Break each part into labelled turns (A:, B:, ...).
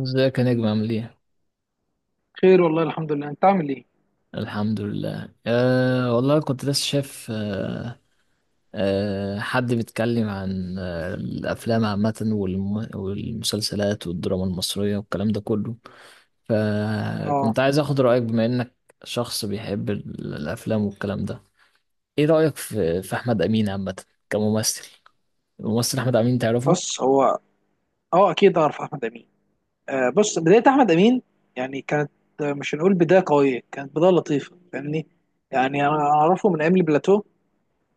A: ازيك يا نجم؟ عامل ايه؟
B: خير والله الحمد لله، انت عامل ايه؟
A: الحمد لله. والله كنت لسه شايف. أه أه حد بيتكلم عن الأفلام عامة والمسلسلات والدراما المصرية والكلام ده كله،
B: اه
A: فكنت عايز أخد رأيك بما إنك شخص بيحب الأفلام والكلام ده. ايه رأيك في أحمد أمين عامة كممثل؟ الممثل أحمد أمين، تعرفه؟
B: بص، هو اه اكيد اعرف احمد امين. بص، بدايه احمد امين يعني كانت، مش هنقول بدايه قويه، كانت بدايه لطيفه، فاهمني؟ يعني انا اعرفه من ايام البلاتو،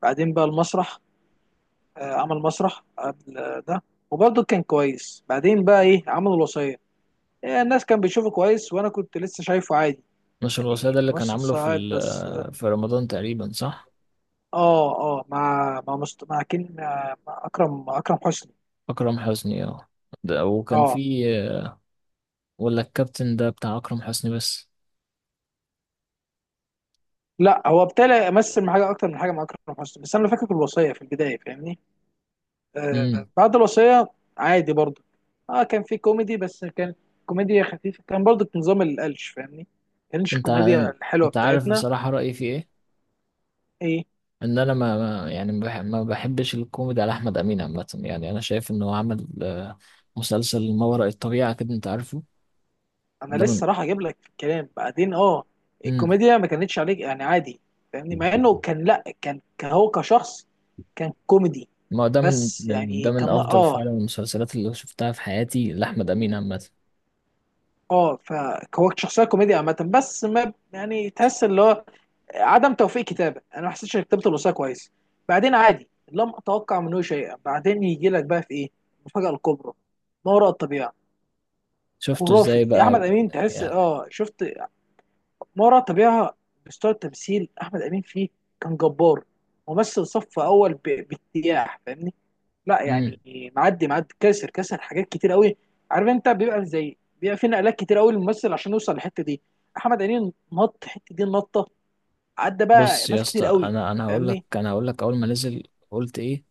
B: بعدين بقى المسرح. عمل مسرح قبل ده، وبرضه كان كويس. بعدين بقى ايه، عمل الوصيه. الناس كان بيشوفه كويس، وانا كنت لسه شايفه عادي،
A: نشر الوصية
B: يعني
A: ده اللي كان
B: ممثل
A: عامله
B: صاعد بس.
A: في رمضان تقريبا، صح؟
B: اه اه مع مع مست... مع كين مع مع اكرم حسني.
A: أكرم حسني، اه. ده وكان في،
B: اه،
A: ولا الكابتن ده بتاع أكرم حسني بس؟
B: لا، هو ابتدى يمثل مع حاجه اكتر من حاجه مع اكرم حسني، بس انا فاكر الوصيه في البدايه، فاهمني؟
A: امم.
B: بعد الوصيه عادي برضه. اه، كان في كوميدي، بس كان كوميديا خفيفه، كان برضه نظام القلش، فاهمني؟ ما كانش
A: انت ع-
B: الكوميديا الحلوه
A: انت عارف
B: بتاعتنا.
A: بصراحة رأيي في ايه؟
B: ايه،
A: ان انا ما ما- يعني ما بحبش الكوميدي على احمد امين عامة. يعني انا شايف انه عمل مسلسل ما وراء الطبيعة كده، انت عارفه.
B: انا
A: ده من،
B: لسه راح اجيب لك في الكلام بعدين. اه،
A: امم.
B: الكوميديا ما كانتش عليك، يعني عادي، فاهمني؟ مع انه كان، لا، كان هو كشخص كان كوميدي
A: ما هو ده
B: بس،
A: ده
B: يعني
A: من
B: كان
A: افضل فعلا المسلسلات اللي شفتها في حياتي لاحمد امين عامة.
B: اه فهو شخصيه كوميديا عامه، بس ما يعني، تحس اللي هو عدم توفيق كتابه، انا ما حسيتش اني كتبت الوصيه كويس. بعدين عادي، لم اتوقع منه شيئا، بعدين يجي لك بقى في ايه المفاجاه الكبرى، ما وراء الطبيعه.
A: شفته ازاي
B: خرافي يا
A: بقى
B: احمد امين، تحس،
A: يعني.
B: اه شفت، ما وراء الطبيعه مستوى التمثيل احمد امين فيه كان جبار، ممثل صف اول باجتياح، فاهمني؟ لا يعني معدي كاسر حاجات كتير قوي. عارف انت، بيبقى في نقلات كتير قوي للممثل عشان يوصل للحته دي، احمد امين نط الحته دي النطه، عدى بقى
A: بص يا
B: ناس
A: اسطى،
B: كتير قوي،
A: انا هقول لك،
B: فاهمني؟
A: انا هقول لك، اول ما نزل قلت ايه؟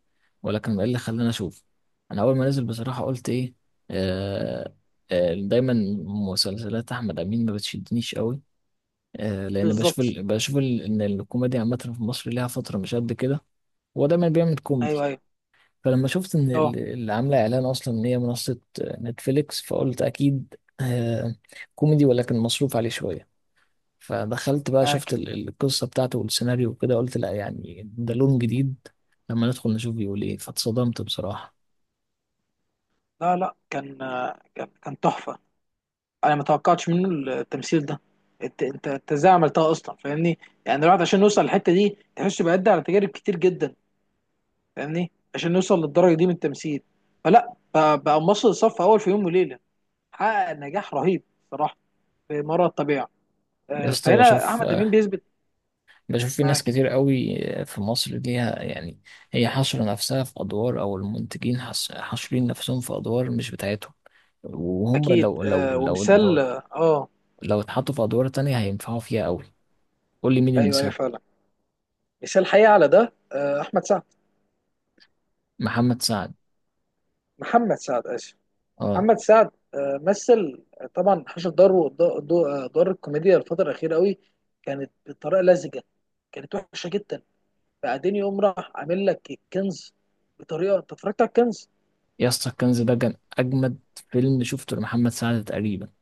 A: ولكن ايه اللي خلاني اشوف؟ انا اول ما نزل بصراحه قلت ايه؟ آه دايما مسلسلات احمد امين ما بتشدنيش قوي، لان بشوف
B: بالظبط.
A: ان الكوميديا عامه في مصر ليها فتره مش قد كده. هو دايما بيعمل
B: ايوه
A: كوميدي.
B: ايوه،
A: فلما شفت ان
B: اه،
A: اللي عامله اعلان اصلا ان هي منصه نتفليكس، فقلت اكيد آه كوميدي، ولكن مصروف عليه شويه. فدخلت بقى شفت
B: معاك.
A: القصة بتاعته والسيناريو وكده، قلت لا يعني ده لون جديد. لما ندخل نشوف بيقول ايه، فاتصدمت بصراحة.
B: لا لا، كان كان تحفه. انا ما توقعتش منه التمثيل ده. انت، انت ازاي عملتها اصلا، فاهمني؟ يعني الواحد عشان يوصل للحته دي، تحس بيعدي على تجارب كتير جدا، فاهمني؟ عشان يوصل للدرجه دي من التمثيل. فلا، بقى ممثل صف اول في يوم وليله، حقق نجاح رهيب صراحه، في مرة الطبيعه.
A: يا اسطى،
B: فهنا احمد امين بيثبت.
A: بشوف في ناس
B: معاك.
A: كتير قوي في مصر ليها يعني هي حاشرة نفسها في أدوار، أو المنتجين حاشرين نفسهم في أدوار مش بتاعتهم، وهم
B: اكيد
A: لو لو لو لو
B: ومثال،
A: لو اتحطوا في أدوار تانية هينفعوا فيها قوي. قول لي مين
B: ايوه ايوه
A: المثال.
B: فعلا، مثال حقيقي على ده، احمد سعد.
A: محمد سعد،
B: محمد سعد، اسف،
A: اه.
B: محمد سعد، مثل، طبعا حشر داره ود- دو- آه، دور الكوميديا الفترة الأخيرة قوي، كانت بطريقة لزجة، كانت وحشة جدا. بعدين يقوم راح عامل لك الكنز بطريقة، أنت اتفرجت على الكنز؟
A: يا اسطى، الكنز ده كان أجمد فيلم شفته لمحمد سعد تقريبا.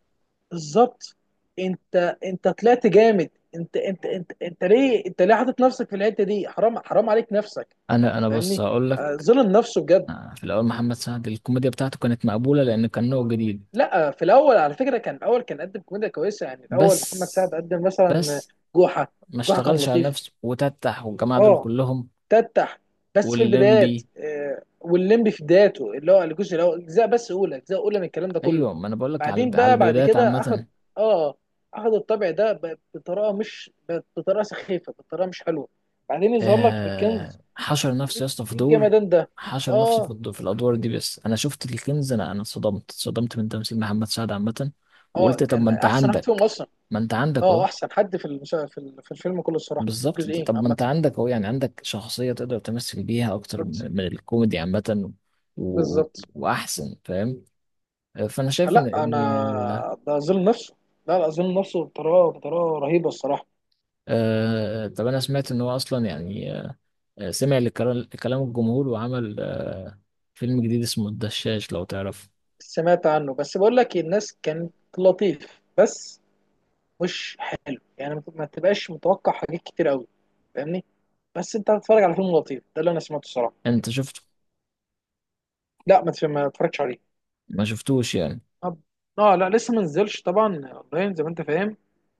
B: بالظبط. أنت أنت طلعت جامد. أنت ليه، أنت ليه حاطط نفسك في الحتة دي، حرام، حرام عليك نفسك،
A: انا بص
B: فاهمني؟
A: هقول لك،
B: ظلم نفسه بجد.
A: في الأول محمد سعد الكوميديا بتاعته كانت مقبولة لأن كان نوع جديد،
B: لا، في الأول على فكرة كان، الأول كان قدم كوميديا كويسة، يعني الأول محمد
A: بس
B: سعد قدم مثلا
A: بس
B: جوحة.
A: ما
B: جوحة كان
A: اشتغلش على
B: لطيف،
A: نفسه وتتح والجماعة دول
B: اه،
A: كلهم.
B: تفتح، بس في البدايات،
A: واللمبي،
B: والليمبي في بدايته، اللي هو الجزء الاول، اجزاء بس اولى، اجزاء اولى، من الكلام ده كله.
A: أيوة، ما أنا بقولك على
B: بعدين بقى بعد
A: البدايات
B: كده اخد،
A: عامة.
B: اه، اخد الطبع ده بطريقه، مش بطريقه سخيفه، بطريقه مش حلوه، بعدين يظهر لك في الكنز.
A: آه، حشر
B: ايه،
A: نفسه يا اسطى في
B: إيه
A: دور،
B: الجمدان ده؟
A: حشر نفسه في
B: اه
A: الدور، في الأدوار دي. بس أنا شفت الكنز، أنا اتصدمت، اتصدمت من تمثيل محمد سعد عامة.
B: اه،
A: وقلت طب ما
B: كان
A: أنت
B: احسن واحد فيهم
A: عندك،
B: اصلا.
A: ما أنت عندك
B: اه،
A: أهو.
B: احسن حد في المسا... في ال- في الفيلم كله الصراحه،
A: بالظبط.
B: الجزئين
A: طب ما
B: عامه.
A: انت عندك اهو، يعني عندك شخصية تقدر تمثل بيها اكتر
B: بالظبط
A: من الكوميدي عامة. و...
B: بالظبط.
A: واحسن، فاهم. فانا شايف ان
B: لا انا،
A: ان
B: ده اظلم نفسه. لا لا، اظلم نفسه بطريقه رهيبه الصراحه.
A: طب انا سمعت ان هو اصلا يعني، سمع لكلام، كلام الجمهور، وعمل فيلم جديد اسمه الدشاش، لو تعرف.
B: سمعت عنه، بس بقول لك إيه، الناس كانت لطيف بس مش حلو، يعني ما ما تبقاش متوقع حاجات كتير قوي، فاهمني؟ بس انت بتتفرج على فيلم لطيف، ده اللي انا سمعته الصراحه.
A: انت شفته؟
B: لا ما اتفرجتش عليه.
A: ما شفتوش يعني؟
B: طب، اه، لا، لسه ما نزلش طبعا اونلاين، زي ما انت فاهم.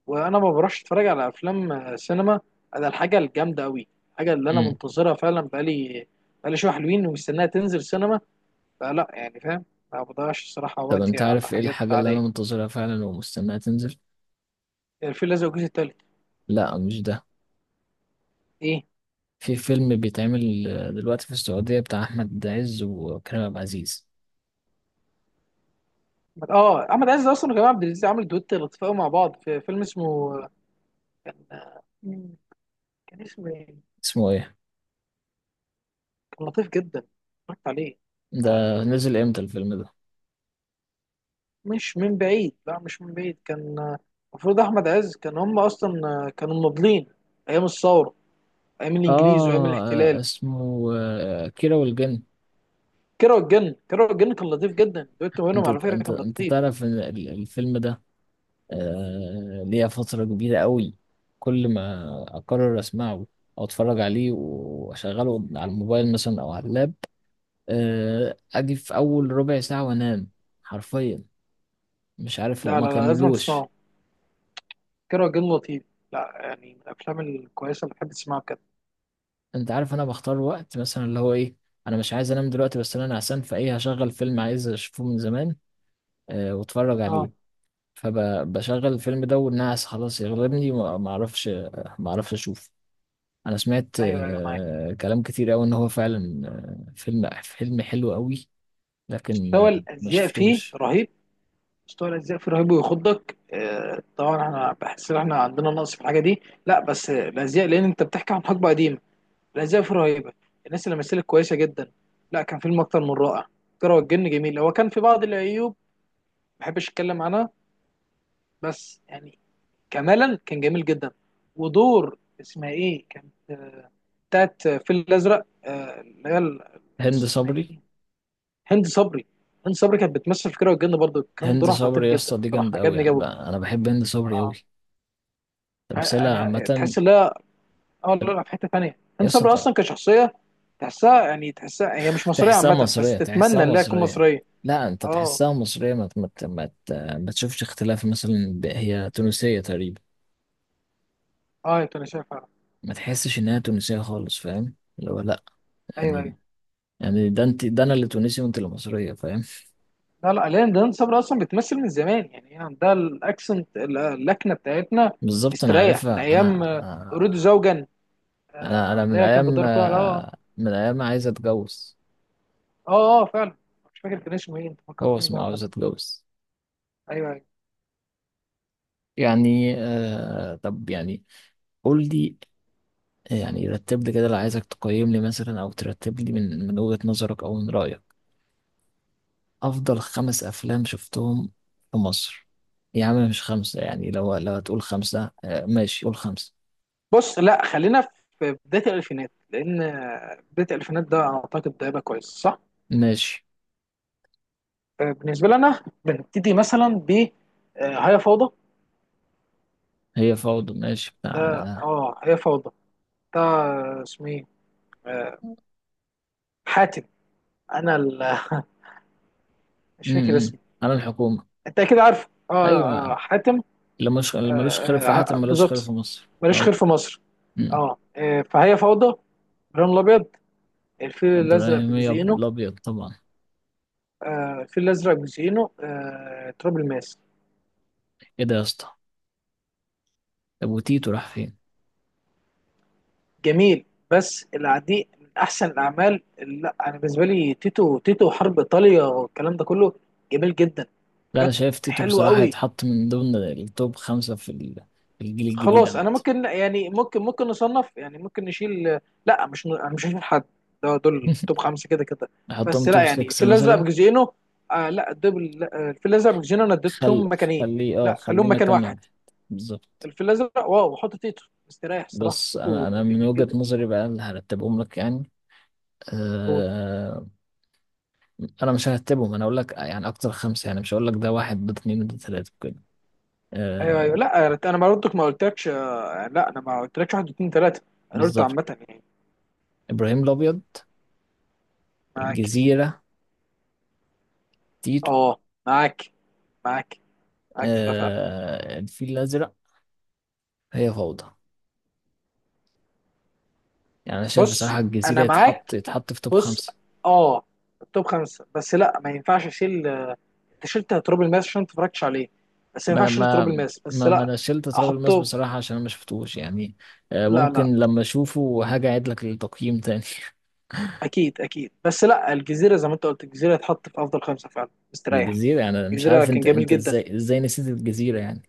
B: وانا ما بروحش اتفرج على افلام سينما، على الحاجه الجامده قوي. الحاجه اللي انا
A: امم.
B: منتظرها فعلا بقالي شويه حلوين، ومستناها تنزل سينما. فلا يعني، فاهم، ما بضيعش الصراحه
A: طب
B: وقتي
A: انت
B: على
A: عارف ايه
B: حاجات
A: الحاجة اللي انا
B: عاديه.
A: منتظرها فعلا ومستناها تنزل؟
B: الفيل الازرق الجزء التالت؟
A: لا مش ده.
B: ايه؟
A: في فيلم بيتعمل دلوقتي في السعودية بتاع أحمد عز وكريم عبد العزيز.
B: اه، احمد عز اصلا وكريم عبد العزيز عملوا دويت لطيف قوي مع بعض، في فيلم اسمه، مم، كان اسمه ايه؟
A: اسمه ايه
B: كان لطيف جدا، اتفرجت عليه.
A: ده؟
B: آه،
A: نزل امتى الفيلم ده؟
B: مش من بعيد، لا مش من بعيد، كان المفروض احمد عز كان، هم اصلا كانوا مناضلين ايام الثوره، ايام
A: اه،
B: الانجليز وايام الاحتلال.
A: اسمه كيرة والجن.
B: كيرة والجن، كيرة والجن كان لطيف جدا، دويت ما بينهم
A: انت
B: على فكره
A: انت
B: كان
A: انت
B: لطيف.
A: تعرف ان الفيلم ده ليا فترة كبيرة قوي كل ما اقرر اسمعه او اتفرج عليه، واشغله على الموبايل مثلا او على اللاب، اجي في اول ربع ساعة وانام، حرفيا. مش عارف،
B: لا
A: وما
B: لا لا، لازم
A: كملوش.
B: تسمعه، كيرة والجن لطيف، لا يعني، من الافلام الكويسه اللي بحب تسمعها بجد.
A: انت عارف انا بختار وقت مثلا اللي هو ايه؟ انا مش عايز انام دلوقتي بس انا نعسان، فايه هشغل فيلم عايز اشوفه من زمان واتفرج
B: اه،
A: عليه. فبشغل الفيلم ده والناس خلاص يغلبني، ما ما اعرفش، ما اعرفش اشوف. انا سمعت
B: ايوه ايوه معاك.
A: كلام كتير قوي ان هو فعلا فيلم حلو قوي، لكن
B: مستوى
A: ما
B: الازياء فيه
A: شفتوش.
B: رهيب، مستوى الأجزاء فيه رهيب ويخضك. طبعا احنا بحس ان احنا عندنا نقص في الحاجة دي، لا بس الأزياء، لأن أنت بتحكي عن حقبة قديمة، الأزياء فيه رهيبة، الناس اللي مثلت كويسة جدا. لا، كان فيلم أكتر من رائع. كرة والجن جميل، هو كان في بعض العيوب ما بحبش أتكلم عنها، بس يعني كمالا كان جميل جدا. ودور اسمها إيه كانت، بتاعت الفيل الأزرق، اللي هي
A: هند
B: اسمها
A: صبري.
B: إيه، هند صبري. هند صبري كانت بتمثل في كرة والجن برضه، كان
A: هند
B: دورها خطير
A: صبري يا
B: جدا
A: اسطى دي
B: بصراحة،
A: جامده قوي.
B: عجبني
A: يعني
B: جوي.
A: بقى انا بحب هند صبري قوي، تمثيلها
B: انا
A: عامه.
B: تحس ان هي، اه لا لا، في حته ثانيه،
A: يا
B: هند صبري
A: اسطى،
B: اصلا كشخصيه تحسها، يعني تحسها هي مش مصريه
A: تحسها
B: عامه، بس
A: مصريه، تحسها
B: تتمنى ان هي تكون
A: مصريه.
B: مصريه.
A: لا، انت
B: اه،
A: تحسها مصريه. ما تشوفش اختلاف مثلا، هي تونسيه تقريبا.
B: اه يا تونسيه فعلا.
A: ما تحسش انها تونسية خالص، فاهم اللي هو لا
B: ايوه
A: يعني.
B: ايوه،
A: يعني ده انت، ده انا اللي تونسي وانت اللي مصرية، فاهم؟
B: لا لا، لان هند صبري اصلا بتمثل من زمان، يعني هي عندها الاكسنت، اللكنه بتاعتنا
A: بالظبط، انا
B: استريح من
A: عارفها
B: ايام
A: انا.
B: اريد زوجا،
A: انا انا
B: اللي
A: من
B: هي كان
A: ايام،
B: بدور فيها
A: من ايام ما عايز اتجوز.
B: اه اه فعلا، مش فاكر كان اسمه ايه، انت
A: هو
B: فكرتني بقى
A: اسمه
B: عامة.
A: عاوز اتجوز.
B: ايوه ايوه.
A: يعني آه، طب يعني قول لي. يعني رتب لي كده، اللي عايزك تقيم لي مثلا او ترتب لي من وجهة نظرك او من رأيك افضل 5 افلام شفتهم في مصر. يا عم، مش خمسة يعني. لو هتقول خمسة آه ماشي، قول خمسة.
B: بص، لا خلينا في بدايه الالفينات، لان بدايه الالفينات ده، اعتقد ده هيبقى كويس صح؟
A: ماشي.
B: بالنسبه لنا، بنبتدي مثلا ب هي فوضى،
A: هي فوضى، ماشي،
B: ده،
A: بتاع.
B: اه، هي فوضى، ده اسمه ايه، آه، حاتم، انا مش فاكر
A: امم.
B: اسمه،
A: على الحكومة.
B: انت اكيد عارفه، اه،
A: أيوة،
B: حاتم،
A: اللي مش،
B: آه،
A: اللي ملوش خير في حاتم ملوش خير في
B: بالظبط،
A: مصر،
B: ماليش خير
A: اه.
B: في مصر.
A: امم.
B: اه، فهي فوضى، ابراهيم الابيض، الفيل الازرق
A: إبراهيمية،
B: بجزئينه،
A: الأبيض طبعا.
B: الفيل الازرق بجزئينه، تراب الماس.
A: ايه ده يا اسطى؟ طب وتيتو راح فين؟
B: جميل. بس العديء من احسن الاعمال اللي، لا انا بالنسبه لي، تيتو، تيتو حرب ايطاليا والكلام ده كله، جميل جدا،
A: لا، أنا
B: حاجات
A: شايف تيتو
B: حلوه
A: بصراحة
B: قوي.
A: يتحط من ضمن التوب خمسة في في الجيل الجديد
B: خلاص،
A: عامة.
B: انا ممكن، يعني ممكن نصنف، يعني ممكن نشيل. لا مش ن- أنا مش هشيل حد، ده دول توب خمسه كده كده.
A: أحطهم
B: بس لا
A: توب
B: يعني، في
A: 6
B: الازرق
A: مثلا.
B: بجزئينه لا دبل، في الازرق بجزئينه انا اديت
A: خل
B: لهم مكانين.
A: خليه اه،
B: لا
A: خليه
B: خليهم مكان
A: مكان
B: واحد.
A: واحد. بالظبط.
B: الفيل الازرق، واو، وحط تيتو مستريح الصراحه،
A: بس أنا
B: تيتو
A: أنا من
B: جميل
A: وجهة
B: جدا.
A: نظري بقى اللي هرتبهم لك يعني
B: هو.
A: آه، انا مش هرتبهم، انا اقول لك يعني اكتر خمسه يعني. مش هقول لك ده واحد، ده اتنين، ده تلاته كده،
B: ايوه ايوه،
A: آه.
B: لا انا ما قلتك، ما قلتلكش، لا انا ما قلتلكش 1 2 3، انا قلت
A: بالظبط.
B: عامه يعني.
A: ابراهيم الابيض،
B: معاك،
A: الجزيره، تيتو،
B: اه، معاك معاك معاك في ده فعلا.
A: آه الفيل الازرق، هي فوضى. يعني انا شايف بصراحه
B: بص
A: الجزيره
B: انا معاك.
A: يتحط، يتحط في توب
B: بص،
A: خمسه.
B: اه، التوب خمسه، بس لا ما ينفعش اشيل، انت شلت تراب الماس عشان ما اتفرجتش عليه، بس ما
A: ما
B: ينفعش اشيل
A: ما
B: تراب الماس، بس
A: ما
B: لا،
A: انا شلت تراب الماس
B: احطه.
A: بصراحه عشان انا ما شفتوش يعني. آه،
B: لا لا،
A: ممكن لما اشوفه هاجي اعيد لك التقييم تاني.
B: اكيد اكيد، بس لا، الجزيره زي ما انت قلت، الجزيره هتحط في افضل 5 فعلا مستريح.
A: الجزيره يعني، أنا مش
B: الجزيره
A: عارف
B: كان
A: انت،
B: جميل جدا.
A: ازاي نسيت الجزيره يعني؟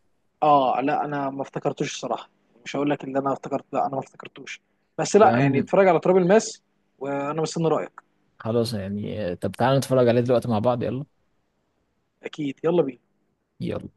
B: اه، لا انا ما افتكرتوش الصراحه، مش هقول لك اللي انا افتكرت، لا انا ما افتكرتوش. بس
A: يا
B: لا يعني،
A: عم
B: اتفرج على تراب الماس، وانا مستني رايك.
A: خلاص يعني طب تعالى نتفرج عليه دلوقتي مع بعض، يلا.
B: اكيد، يلا بينا.
A: يلا.